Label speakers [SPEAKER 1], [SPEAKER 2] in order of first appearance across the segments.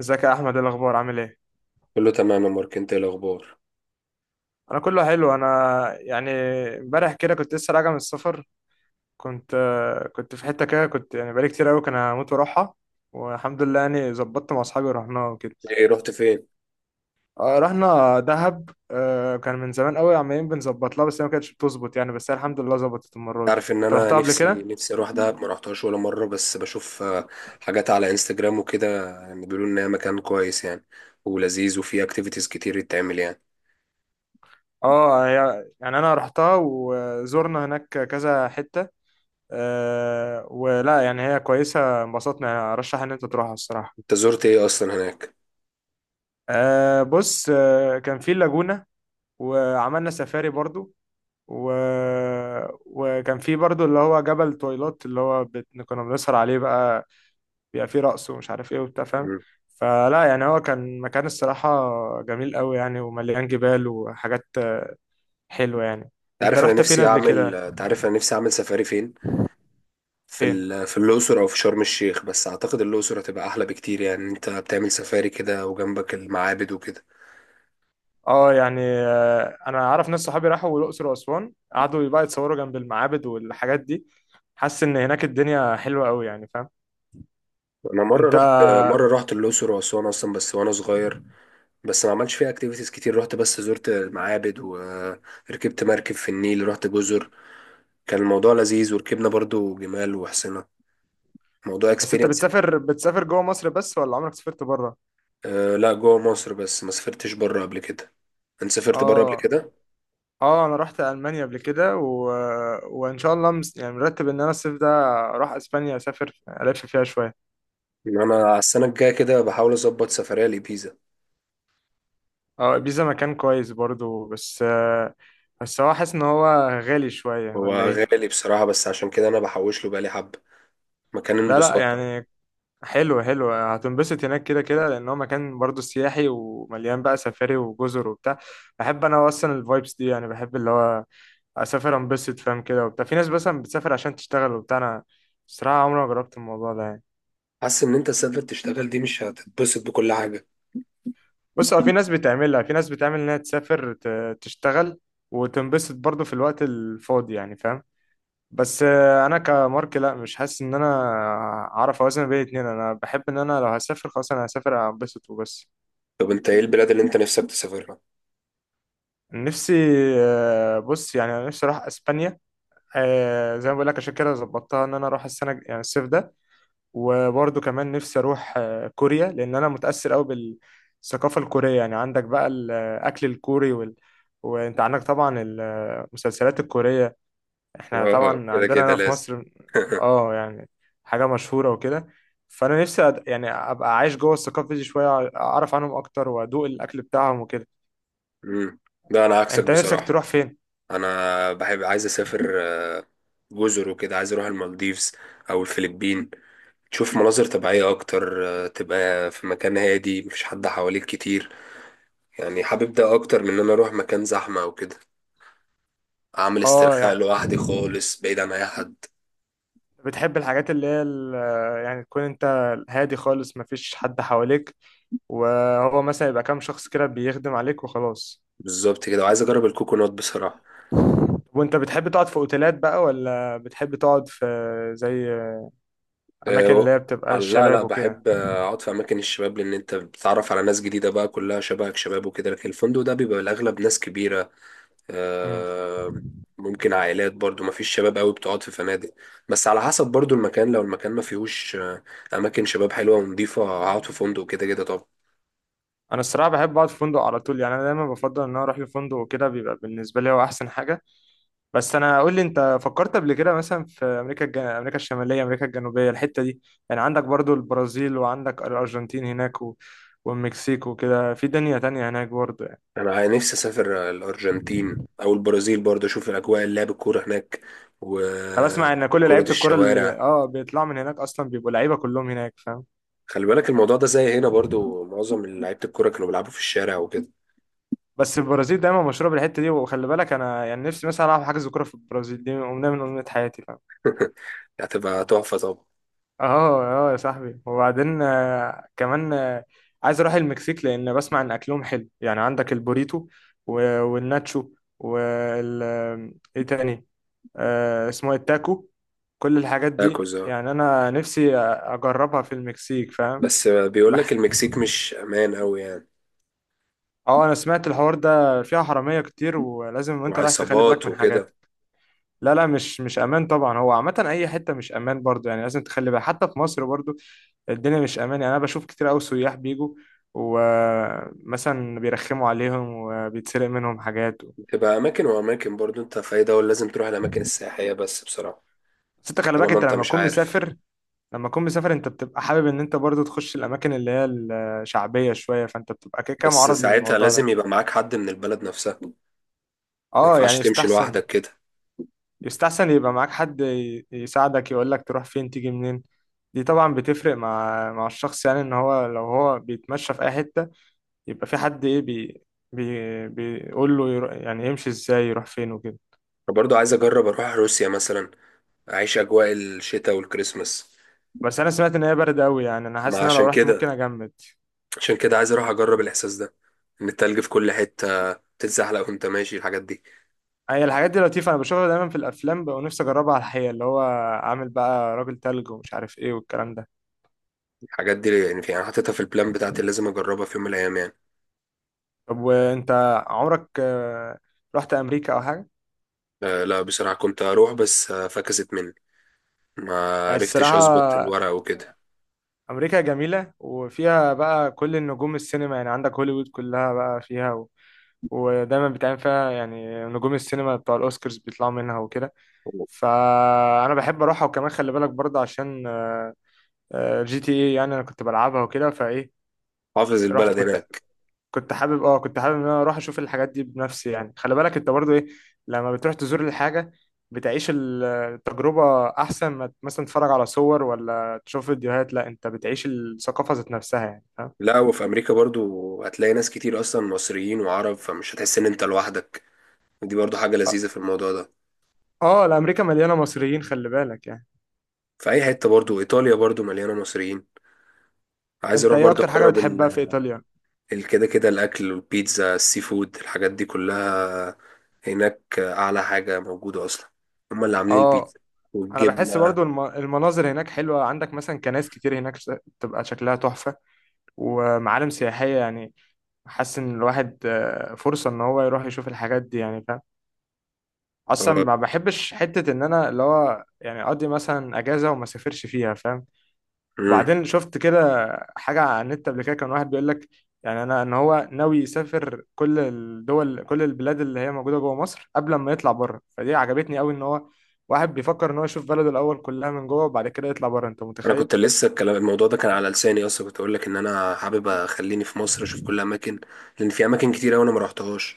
[SPEAKER 1] ازيك يا احمد؟ إيه الاخبار؟ عامل ايه؟
[SPEAKER 2] كله تمام يا مارك، انت ايه الاخبار؟
[SPEAKER 1] انا كله حلو. انا يعني امبارح كده كنت لسه راجع من السفر. كنت كنت في حته كده كنت يعني بقالي كتير قوي كان هموت واروحها. والحمد لله يعني ظبطت مع اصحابي ورحناها وكده.
[SPEAKER 2] ايه، رحت فين؟
[SPEAKER 1] آه، رحنا دهب. كان من زمان قوي عمالين بنظبط لها، بس هي ما كانتش بتظبط يعني، بس هي الحمد لله ظبطت المره دي.
[SPEAKER 2] عارف ان
[SPEAKER 1] انت
[SPEAKER 2] انا
[SPEAKER 1] رحتها قبل
[SPEAKER 2] نفسي
[SPEAKER 1] كده؟
[SPEAKER 2] نفسي اروح دهب، ما رحتهاش ولا مره. بس بشوف حاجات على انستجرام وكده. يعني بيقولوا ان هي مكان كويس يعني، ولذيذ وفيه اكتيفيتيز كتير يتعمل يعني.
[SPEAKER 1] اه، يعني انا رحتها وزورنا هناك كذا حته. ولا يعني هي كويسه، انبسطنا يعني، ارشح ان انت تروحها الصراحه.
[SPEAKER 2] انت زرت ايه اصلا هناك؟
[SPEAKER 1] بص، كان في اللاجونة، وعملنا سفاري برضو، و... وكان في برضو اللي هو جبل تويلات اللي هو كنا بنسهر عليه بقى، بيبقى فيه رقص ومش عارف ايه وبتاع، فاهم؟
[SPEAKER 2] مم.
[SPEAKER 1] فلا يعني هو كان مكان الصراحة جميل قوي يعني، ومليان جبال وحاجات حلوة يعني.
[SPEAKER 2] انت
[SPEAKER 1] انت
[SPEAKER 2] عارف انا
[SPEAKER 1] رحت فين
[SPEAKER 2] نفسي
[SPEAKER 1] قبل
[SPEAKER 2] اعمل،
[SPEAKER 1] كده؟
[SPEAKER 2] انت عارف انا نفسي اعمل سفاري فين؟ في
[SPEAKER 1] فين؟
[SPEAKER 2] في الاقصر او في شرم الشيخ، بس اعتقد الاقصر هتبقى احلى بكتير. يعني انت بتعمل سفاري كده وجنبك المعابد وكده.
[SPEAKER 1] اه يعني، انا اعرف ناس صحابي راحوا الاقصر واسوان، قعدوا بقى يتصوروا جنب المعابد والحاجات دي. حاسس ان هناك الدنيا حلوة قوي يعني، فاهم؟
[SPEAKER 2] انا
[SPEAKER 1] انت
[SPEAKER 2] مره رحت الاقصر واسوان اصلا، بس وانا صغير. بس ما عملتش فيها اكتيفيتيز كتير، رحت بس زرت معابد وركبت مركب في النيل، رحت جزر. كان الموضوع لذيذ، وركبنا برضو جمال وحصنة. موضوع
[SPEAKER 1] بس انت
[SPEAKER 2] اكسبيرينس.
[SPEAKER 1] بتسافر جوه مصر بس، ولا عمرك سافرت بره؟
[SPEAKER 2] أه لا، جوه مصر بس، ما سافرتش بره قبل كده. انت سافرت بره قبل
[SPEAKER 1] اه،
[SPEAKER 2] كده؟
[SPEAKER 1] اه، انا رحت المانيا قبل كده، و... وان شاء الله يعني مرتب ان انا الصيف ده اروح اسبانيا، اسافر الف فيها شويه.
[SPEAKER 2] يعني انا على السنه الجايه كده بحاول اظبط سفريه لبيزا.
[SPEAKER 1] اه، بيزا مكان كويس برضو، بس هو حاسس ان هو غالي شويه
[SPEAKER 2] هو
[SPEAKER 1] ولا ايه؟
[SPEAKER 2] غالي بصراحه، بس عشان كده انا بحوش له بقالي حبه. مكان
[SPEAKER 1] لا لا
[SPEAKER 2] انبساط طبعا.
[SPEAKER 1] يعني حلو حلو، هتنبسط هناك كده كده، لان هو مكان برضو سياحي، ومليان بقى سفاري وجزر وبتاع. بحب انا اصلا الفايبس دي يعني، بحب اللي هو اسافر انبسط، فاهم كده وبتاع. في ناس مثلا بتسافر عشان تشتغل وبتاع، انا الصراحه عمري ما جربت الموضوع ده يعني.
[SPEAKER 2] حاسس ان انت تسافر تشتغل دي مش هتتبسط بكل حاجه.
[SPEAKER 1] بص، هو في ناس بتعملها، في ناس بتعمل انها تسافر تشتغل وتنبسط برضه في الوقت الفاضي يعني، فاهم؟ بس انا كمارك لا، مش حاسس ان انا اعرف اوازن بين الاتنين. انا بحب ان انا لو هسافر خلاص انا هسافر انبسط وبس.
[SPEAKER 2] طب انت ايه البلاد اللي انت نفسك تسافرها؟
[SPEAKER 1] نفسي آه، بص يعني انا نفسي اروح اسبانيا. زي ما بقول لك، عشان كده ظبطتها ان انا اروح السنه يعني الصيف ده. وبرضه كمان نفسي اروح كوريا، لان انا متاثر قوي بالثقافه الكوريه يعني. عندك بقى الاكل الكوري وانت عندك طبعا المسلسلات الكوريه، احنا
[SPEAKER 2] اه
[SPEAKER 1] طبعا
[SPEAKER 2] كده
[SPEAKER 1] عندنا
[SPEAKER 2] كده
[SPEAKER 1] هنا في
[SPEAKER 2] لازم.
[SPEAKER 1] مصر. اه يعني حاجه مشهوره وكده. فانا نفسي يعني ابقى عايش جوه الثقافه دي شويه، اعرف عنهم اكتر وادوق الاكل بتاعهم وكده.
[SPEAKER 2] امم. ده انا عكسك
[SPEAKER 1] انت نفسك
[SPEAKER 2] بصراحه.
[SPEAKER 1] تروح فين؟
[SPEAKER 2] انا بحب، عايز اسافر جزر وكده، عايز اروح المالديفز او الفلبين. تشوف مناظر طبيعيه اكتر، تبقى في مكان هادي مفيش حد حواليك كتير. يعني حابب ده اكتر من ان انا اروح مكان زحمه او كده. اعمل
[SPEAKER 1] اه
[SPEAKER 2] استرخاء
[SPEAKER 1] يعني،
[SPEAKER 2] لوحدي خالص بعيد عن اي حد.
[SPEAKER 1] بتحب الحاجات اللي هي يعني تكون انت هادي خالص، مفيش حد حواليك، وهو مثلا يبقى كام شخص كده بيخدم عليك وخلاص.
[SPEAKER 2] بالظبط كده، وعايز اجرب الكوكونات بصراحه.
[SPEAKER 1] وانت بتحب تقعد في اوتيلات بقى ولا بتحب تقعد في زي
[SPEAKER 2] آه،
[SPEAKER 1] اماكن
[SPEAKER 2] و-
[SPEAKER 1] اللي هي بتبقى
[SPEAKER 2] لا
[SPEAKER 1] الشباب وكده؟
[SPEAKER 2] بحب اقعد في اماكن الشباب، لان انت بتتعرف على ناس جديده بقى كلها شبهك شباب وكده. لكن الفندق ده بيبقى الاغلب ناس كبيره،
[SPEAKER 1] مم.
[SPEAKER 2] آه، ممكن عائلات برضو، ما فيش شباب قوي بتقعد في فنادق. بس على حسب برضو المكان، لو المكان ما فيهوش اماكن شباب حلوه ونضيفه، هقعد في فندق كده كده طبعا.
[SPEAKER 1] انا الصراحه بحب اقعد في فندق على طول يعني، انا دايما بفضل ان انا اروح لفندق وكده، بيبقى بالنسبه لي هو احسن حاجه. بس انا قول لي، انت فكرت قبل كده مثلا في امريكا، امريكا الشماليه، امريكا الجنوبيه، الحته دي؟ يعني عندك برضو البرازيل، وعندك الارجنتين هناك، و... والمكسيك وكده، في دنيا تانية هناك برضو.
[SPEAKER 2] انا نفسي اسافر الارجنتين او البرازيل برضو، اشوف الاجواء، اللعب، الكوره هناك،
[SPEAKER 1] انا بسمع ان كل
[SPEAKER 2] وكره
[SPEAKER 1] لعيبه الكره اللي
[SPEAKER 2] الشوارع.
[SPEAKER 1] بيطلعوا من هناك اصلا بيبقوا لعيبه كلهم هناك، فاهم؟
[SPEAKER 2] خلي بالك الموضوع ده زي هنا برضو، معظم لعيبه الكوره كانوا بيلعبوا في الشارع وكده.
[SPEAKER 1] بس البرازيل دايما مشهوره بالحته دي، وخلي بالك انا يعني نفسي مثلا العب حجز كوره في البرازيل، دي امنيه من امنيات حياتي، فاهم؟
[SPEAKER 2] هتبقى تحفه طبعا.
[SPEAKER 1] اه، اه يا صاحبي. وبعدين كمان عايز اروح المكسيك، لان بسمع ان اكلهم حلو يعني. عندك البوريتو و- والناتشو، وال ايه تاني؟ آه، اسمه إيه؟ التاكو. كل الحاجات دي
[SPEAKER 2] تاكوز آه.
[SPEAKER 1] يعني، انا نفسي اجربها في المكسيك، فاهم؟
[SPEAKER 2] بس بيقول لك
[SPEAKER 1] بح-
[SPEAKER 2] المكسيك مش امان قوي يعني،
[SPEAKER 1] اه، انا سمعت الحوار ده، فيها حراميه كتير، ولازم وانت رايح تخلي بالك
[SPEAKER 2] وعصابات
[SPEAKER 1] من حاجات.
[SPEAKER 2] وكده.
[SPEAKER 1] لا لا، مش امان طبعا. هو عامه اي حته مش امان برضو يعني، لازم تخلي بالك حتى في مصر برضو. الدنيا مش امان يعني، انا بشوف كتير قوي سياح بيجوا، ومثلا بيرخموا عليهم وبيتسرق منهم حاجات.
[SPEAKER 2] تبقى اماكن واماكن برضو، انت في اي دولة لازم تروح الاماكن السياحية بس بصراحة،
[SPEAKER 1] بس انت خلي بالك،
[SPEAKER 2] طالما
[SPEAKER 1] انت
[SPEAKER 2] انت
[SPEAKER 1] لما
[SPEAKER 2] مش
[SPEAKER 1] تكون
[SPEAKER 2] عارف.
[SPEAKER 1] مسافر، انت بتبقى حابب ان انت برضو تخش الاماكن اللي هي الشعبيه شويه، فانت بتبقى كده كده
[SPEAKER 2] بس
[SPEAKER 1] معرض
[SPEAKER 2] ساعتها
[SPEAKER 1] للموضوع ده.
[SPEAKER 2] لازم يبقى معاك حد من البلد نفسها، ما
[SPEAKER 1] اه يعني
[SPEAKER 2] ينفعش تمشي
[SPEAKER 1] يستحسن،
[SPEAKER 2] لوحدك كده.
[SPEAKER 1] يبقى معاك حد يساعدك يقولك تروح فين تيجي منين. دي طبعا بتفرق مع الشخص يعني، ان هو لو هو بيتمشى في اي حتة، يبقى في حد ايه بي بي بيقول له يعني يمشي ازاي يروح فين وكده.
[SPEAKER 2] فبرضو عايز اجرب اروح روسيا مثلا، اعيش اجواء الشتاء والكريسماس.
[SPEAKER 1] بس انا سمعت ان هي برد قوي يعني، انا
[SPEAKER 2] ما
[SPEAKER 1] حاسس ان انا لو
[SPEAKER 2] عشان
[SPEAKER 1] رحت
[SPEAKER 2] كده،
[SPEAKER 1] ممكن اجمد.
[SPEAKER 2] عشان كده عايز اروح اجرب الاحساس ده، ان التلج في كل حتة، تتزحلق وانت ماشي، الحاجات دي.
[SPEAKER 1] هي الحاجات دي لطيفة، انا بشوفها دايما في الافلام بقى، ونفسي اجربها على الحقيقة، اللي هو عامل بقى راجل تلج ومش عارف ايه والكلام ده.
[SPEAKER 2] الحاجات دي يعني في انا حاططها في البلان بتاعتي اللي لازم اجربها في يوم من الايام يعني.
[SPEAKER 1] طب وانت، عمرك رحت امريكا او حاجة؟
[SPEAKER 2] لا بصراحة، كنت اروح بس فكست مني، ما
[SPEAKER 1] يعني
[SPEAKER 2] عرفتش اظبط
[SPEAKER 1] الصراحة
[SPEAKER 2] الورق وكده.
[SPEAKER 1] أمريكا جميلة، وفيها بقى كل النجوم السينما يعني، عندك هوليوود كلها بقى فيها، و... ودايما بتعمل فيها يعني نجوم السينما بتوع الأوسكارز بيطلعوا منها وكده. فأنا بحب أروحها. وكمان خلي بالك برضه عشان GTA يعني، أنا كنت بلعبها وكده، فإيه،
[SPEAKER 2] حافظ
[SPEAKER 1] رحت.
[SPEAKER 2] البلد
[SPEAKER 1] كنت
[SPEAKER 2] هناك.
[SPEAKER 1] كنت حابب، اه، كنت حابب ان انا اروح اشوف الحاجات دي بنفسي يعني. خلي بالك انت برضو ايه، لما بتروح تزور الحاجة بتعيش التجربة، احسن ما مثلا تتفرج على صور ولا تشوف فيديوهات، لا انت بتعيش الثقافة ذات نفسها يعني، فاهم؟
[SPEAKER 2] لا، وفي امريكا برضو هتلاقي ناس كتير اصلا مصريين وعرب، فمش هتحس ان انت لوحدك. دي برضو حاجة
[SPEAKER 1] اه.
[SPEAKER 2] لذيذة في الموضوع ده.
[SPEAKER 1] الامريكا مليانة مصريين خلي بالك يعني.
[SPEAKER 2] في اي حتة برضو، ايطاليا برضو مليانة مصريين. عايز
[SPEAKER 1] انت
[SPEAKER 2] اروح
[SPEAKER 1] ايه
[SPEAKER 2] برضو
[SPEAKER 1] اكتر حاجة
[SPEAKER 2] اجرب
[SPEAKER 1] بتحبها في ايطاليا؟
[SPEAKER 2] كده كده الاكل والبيتزا، السي فود، الحاجات دي كلها هناك اعلى حاجة موجودة اصلا، هما اللي عاملين
[SPEAKER 1] اه،
[SPEAKER 2] البيتزا
[SPEAKER 1] انا بحس
[SPEAKER 2] والجبنة.
[SPEAKER 1] برضو المناظر هناك حلوة، عندك مثلا كنائس كتير هناك، بتبقى شكلها تحفة ومعالم سياحية يعني. حاسس ان الواحد فرصة ان هو يروح يشوف الحاجات دي يعني، فاهم؟ اصلا
[SPEAKER 2] آه.
[SPEAKER 1] ما بحبش حته ان انا اللي هو يعني اقضي مثلا اجازه وما سافرش فيها، فاهم؟
[SPEAKER 2] مم.
[SPEAKER 1] وبعدين شفت كده حاجه على النت قبل كده، كان واحد بيقول لك يعني، انا ان هو ناوي يسافر كل الدول، كل البلاد اللي هي موجوده جوه مصر قبل ما يطلع بره، فدي عجبتني قوي، ان هو واحد بيفكر ان هو يشوف بلده الاول كلها من جوه وبعد كده يطلع بره، انت
[SPEAKER 2] انا
[SPEAKER 1] متخيل؟
[SPEAKER 2] كنت لسه الكلام، الموضوع ده كان على لساني اصلا، كنت اقول لك ان انا حابب اخليني في مصر اشوف كل اماكن. لان في اماكن كتير أوي انا ما رحتهاش.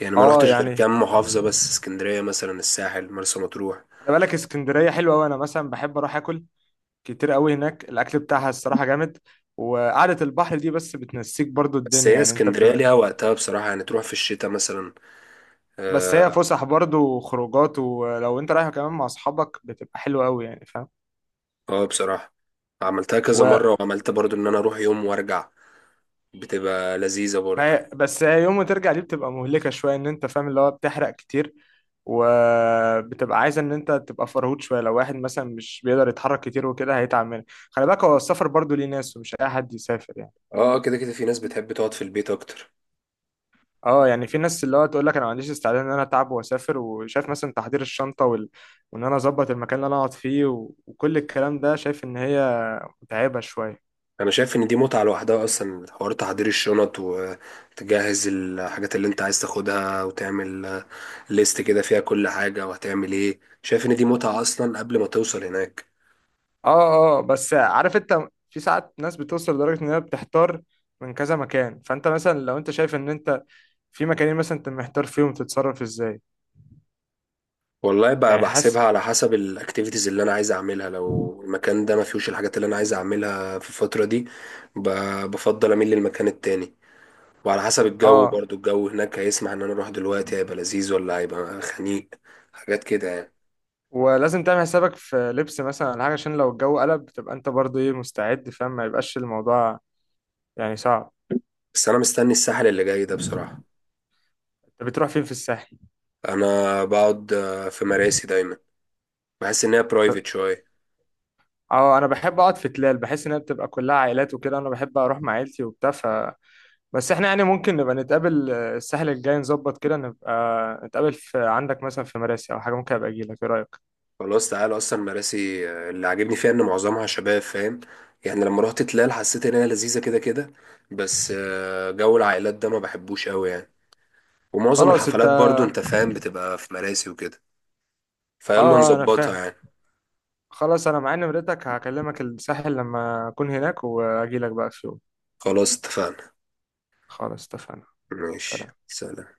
[SPEAKER 2] يعني ما
[SPEAKER 1] اه
[SPEAKER 2] رحتش غير
[SPEAKER 1] يعني،
[SPEAKER 2] كام محافظه بس، اسكندريه مثلا، الساحل، مرسى مطروح.
[SPEAKER 1] خلي بالك اسكندريه حلوه قوي، انا مثلا بحب اروح اكل كتير قوي هناك، الاكل بتاعها الصراحه جامد. وقعده البحر دي بس بتنسيك برضو
[SPEAKER 2] بس
[SPEAKER 1] الدنيا
[SPEAKER 2] هي
[SPEAKER 1] يعني، انت
[SPEAKER 2] اسكندريه
[SPEAKER 1] بتبقى.
[SPEAKER 2] ليها وقتها بصراحه، يعني تروح في الشتاء مثلا.
[SPEAKER 1] بس هي
[SPEAKER 2] اه
[SPEAKER 1] فسح برضه وخروجات، ولو انت رايح كمان مع اصحابك بتبقى حلوه قوي يعني، فاهم؟
[SPEAKER 2] بصراحه عملتها كذا
[SPEAKER 1] و
[SPEAKER 2] مره، وعملت برضو ان انا اروح يوم وارجع، بتبقى لذيذه
[SPEAKER 1] ما
[SPEAKER 2] برضو.
[SPEAKER 1] هي- بس هي يوم ما ترجع دي بتبقى مهلكه شويه، ان انت فاهم اللي هو بتحرق كتير، وبتبقى عايز ان انت تبقى فرهود شويه. لو واحد مثلا مش بيقدر يتحرك كتير وكده هيتعب منك. خلي بالك هو السفر برضه ليه ناس، ومش اي حد يسافر يعني.
[SPEAKER 2] اه كده كده في ناس بتحب تقعد في البيت اكتر.
[SPEAKER 1] اه يعني، في ناس اللي هو تقول لك انا ما عنديش استعداد ان انا اتعب واسافر، وشايف مثلا تحضير الشنطه وال... وان انا اظبط المكان اللي انا اقعد فيه، و... وكل الكلام ده، شايف ان هي متعبه شويه.
[SPEAKER 2] انا شايف ان دي متعة لوحدها اصلا، حوار تحضير الشنط، وتجهز الحاجات اللي انت عايز تاخدها، وتعمل ليست كده فيها كل حاجة وهتعمل ايه. شايف ان دي متعة اصلا قبل ما توصل هناك.
[SPEAKER 1] اه، اه، بس عارف انت، في ساعات ناس بتوصل لدرجة ان هي بتحتار من كذا مكان، فانت مثلا لو انت شايف ان انت في مكانين مثلا، انت محتار فيهم تتصرف ازاي؟
[SPEAKER 2] والله بقى
[SPEAKER 1] يعني حاسس.
[SPEAKER 2] بحسبها على حسب الاكتيفيتيز اللي انا عايز اعملها، لو المكان ده ما فيهوش الحاجات اللي انا عايز اعملها في الفترة دي، بفضل اميل للمكان التاني. وعلى حسب الجو
[SPEAKER 1] اه،
[SPEAKER 2] برضو، الجو هناك هيسمح ان انا اروح دلوقتي هيبقى لذيذ ولا هيبقى خنيق، حاجات كده يعني.
[SPEAKER 1] ولازم تعمل حسابك في لبس مثلا ولا حاجة، عشان لو الجو قلب تبقى انت برضو ايه مستعد، فاهم؟ ما يبقاش الموضوع يعني صعب.
[SPEAKER 2] بس انا مستني الساحل اللي جاي ده بصراحة.
[SPEAKER 1] انت بتروح فين في الساحل؟
[SPEAKER 2] انا بقعد في مراسي دايما، بحس ان هي برايفت شويه.
[SPEAKER 1] اه، انا بحب اقعد في تلال، بحس ان هي بتبقى كلها عائلات وكده، انا بحب اروح مع عيلتي وبتاع. بس احنا يعني ممكن نبقى نتقابل الساحل الجاي، نظبط كده نبقى نتقابل في عندك مثلا في مراسي او حاجه، ممكن ابقى اجي لك، ايه رايك؟
[SPEAKER 2] خلاص تعالى، اصلا مراسي اللي عاجبني فيها ان معظمها شباب، فاهم؟ يعني لما رحت تلال حسيت ان هي لذيذه كده كده، بس جو العائلات ده ما بحبوش قوي يعني. ومعظم
[SPEAKER 1] خلاص. انت
[SPEAKER 2] الحفلات
[SPEAKER 1] اه.
[SPEAKER 2] برضو انت فاهم بتبقى في مراسي وكده، فيلا
[SPEAKER 1] انا
[SPEAKER 2] نظبطها
[SPEAKER 1] فاهم.
[SPEAKER 2] يعني.
[SPEAKER 1] خلاص انا معايا نمرتك، هكلمك الساحل لما اكون هناك، واجي لك بقى في يوم.
[SPEAKER 2] خلاص اتفقنا.
[SPEAKER 1] خلاص اتفقنا.
[SPEAKER 2] ماشي،
[SPEAKER 1] سلام.
[SPEAKER 2] سلام.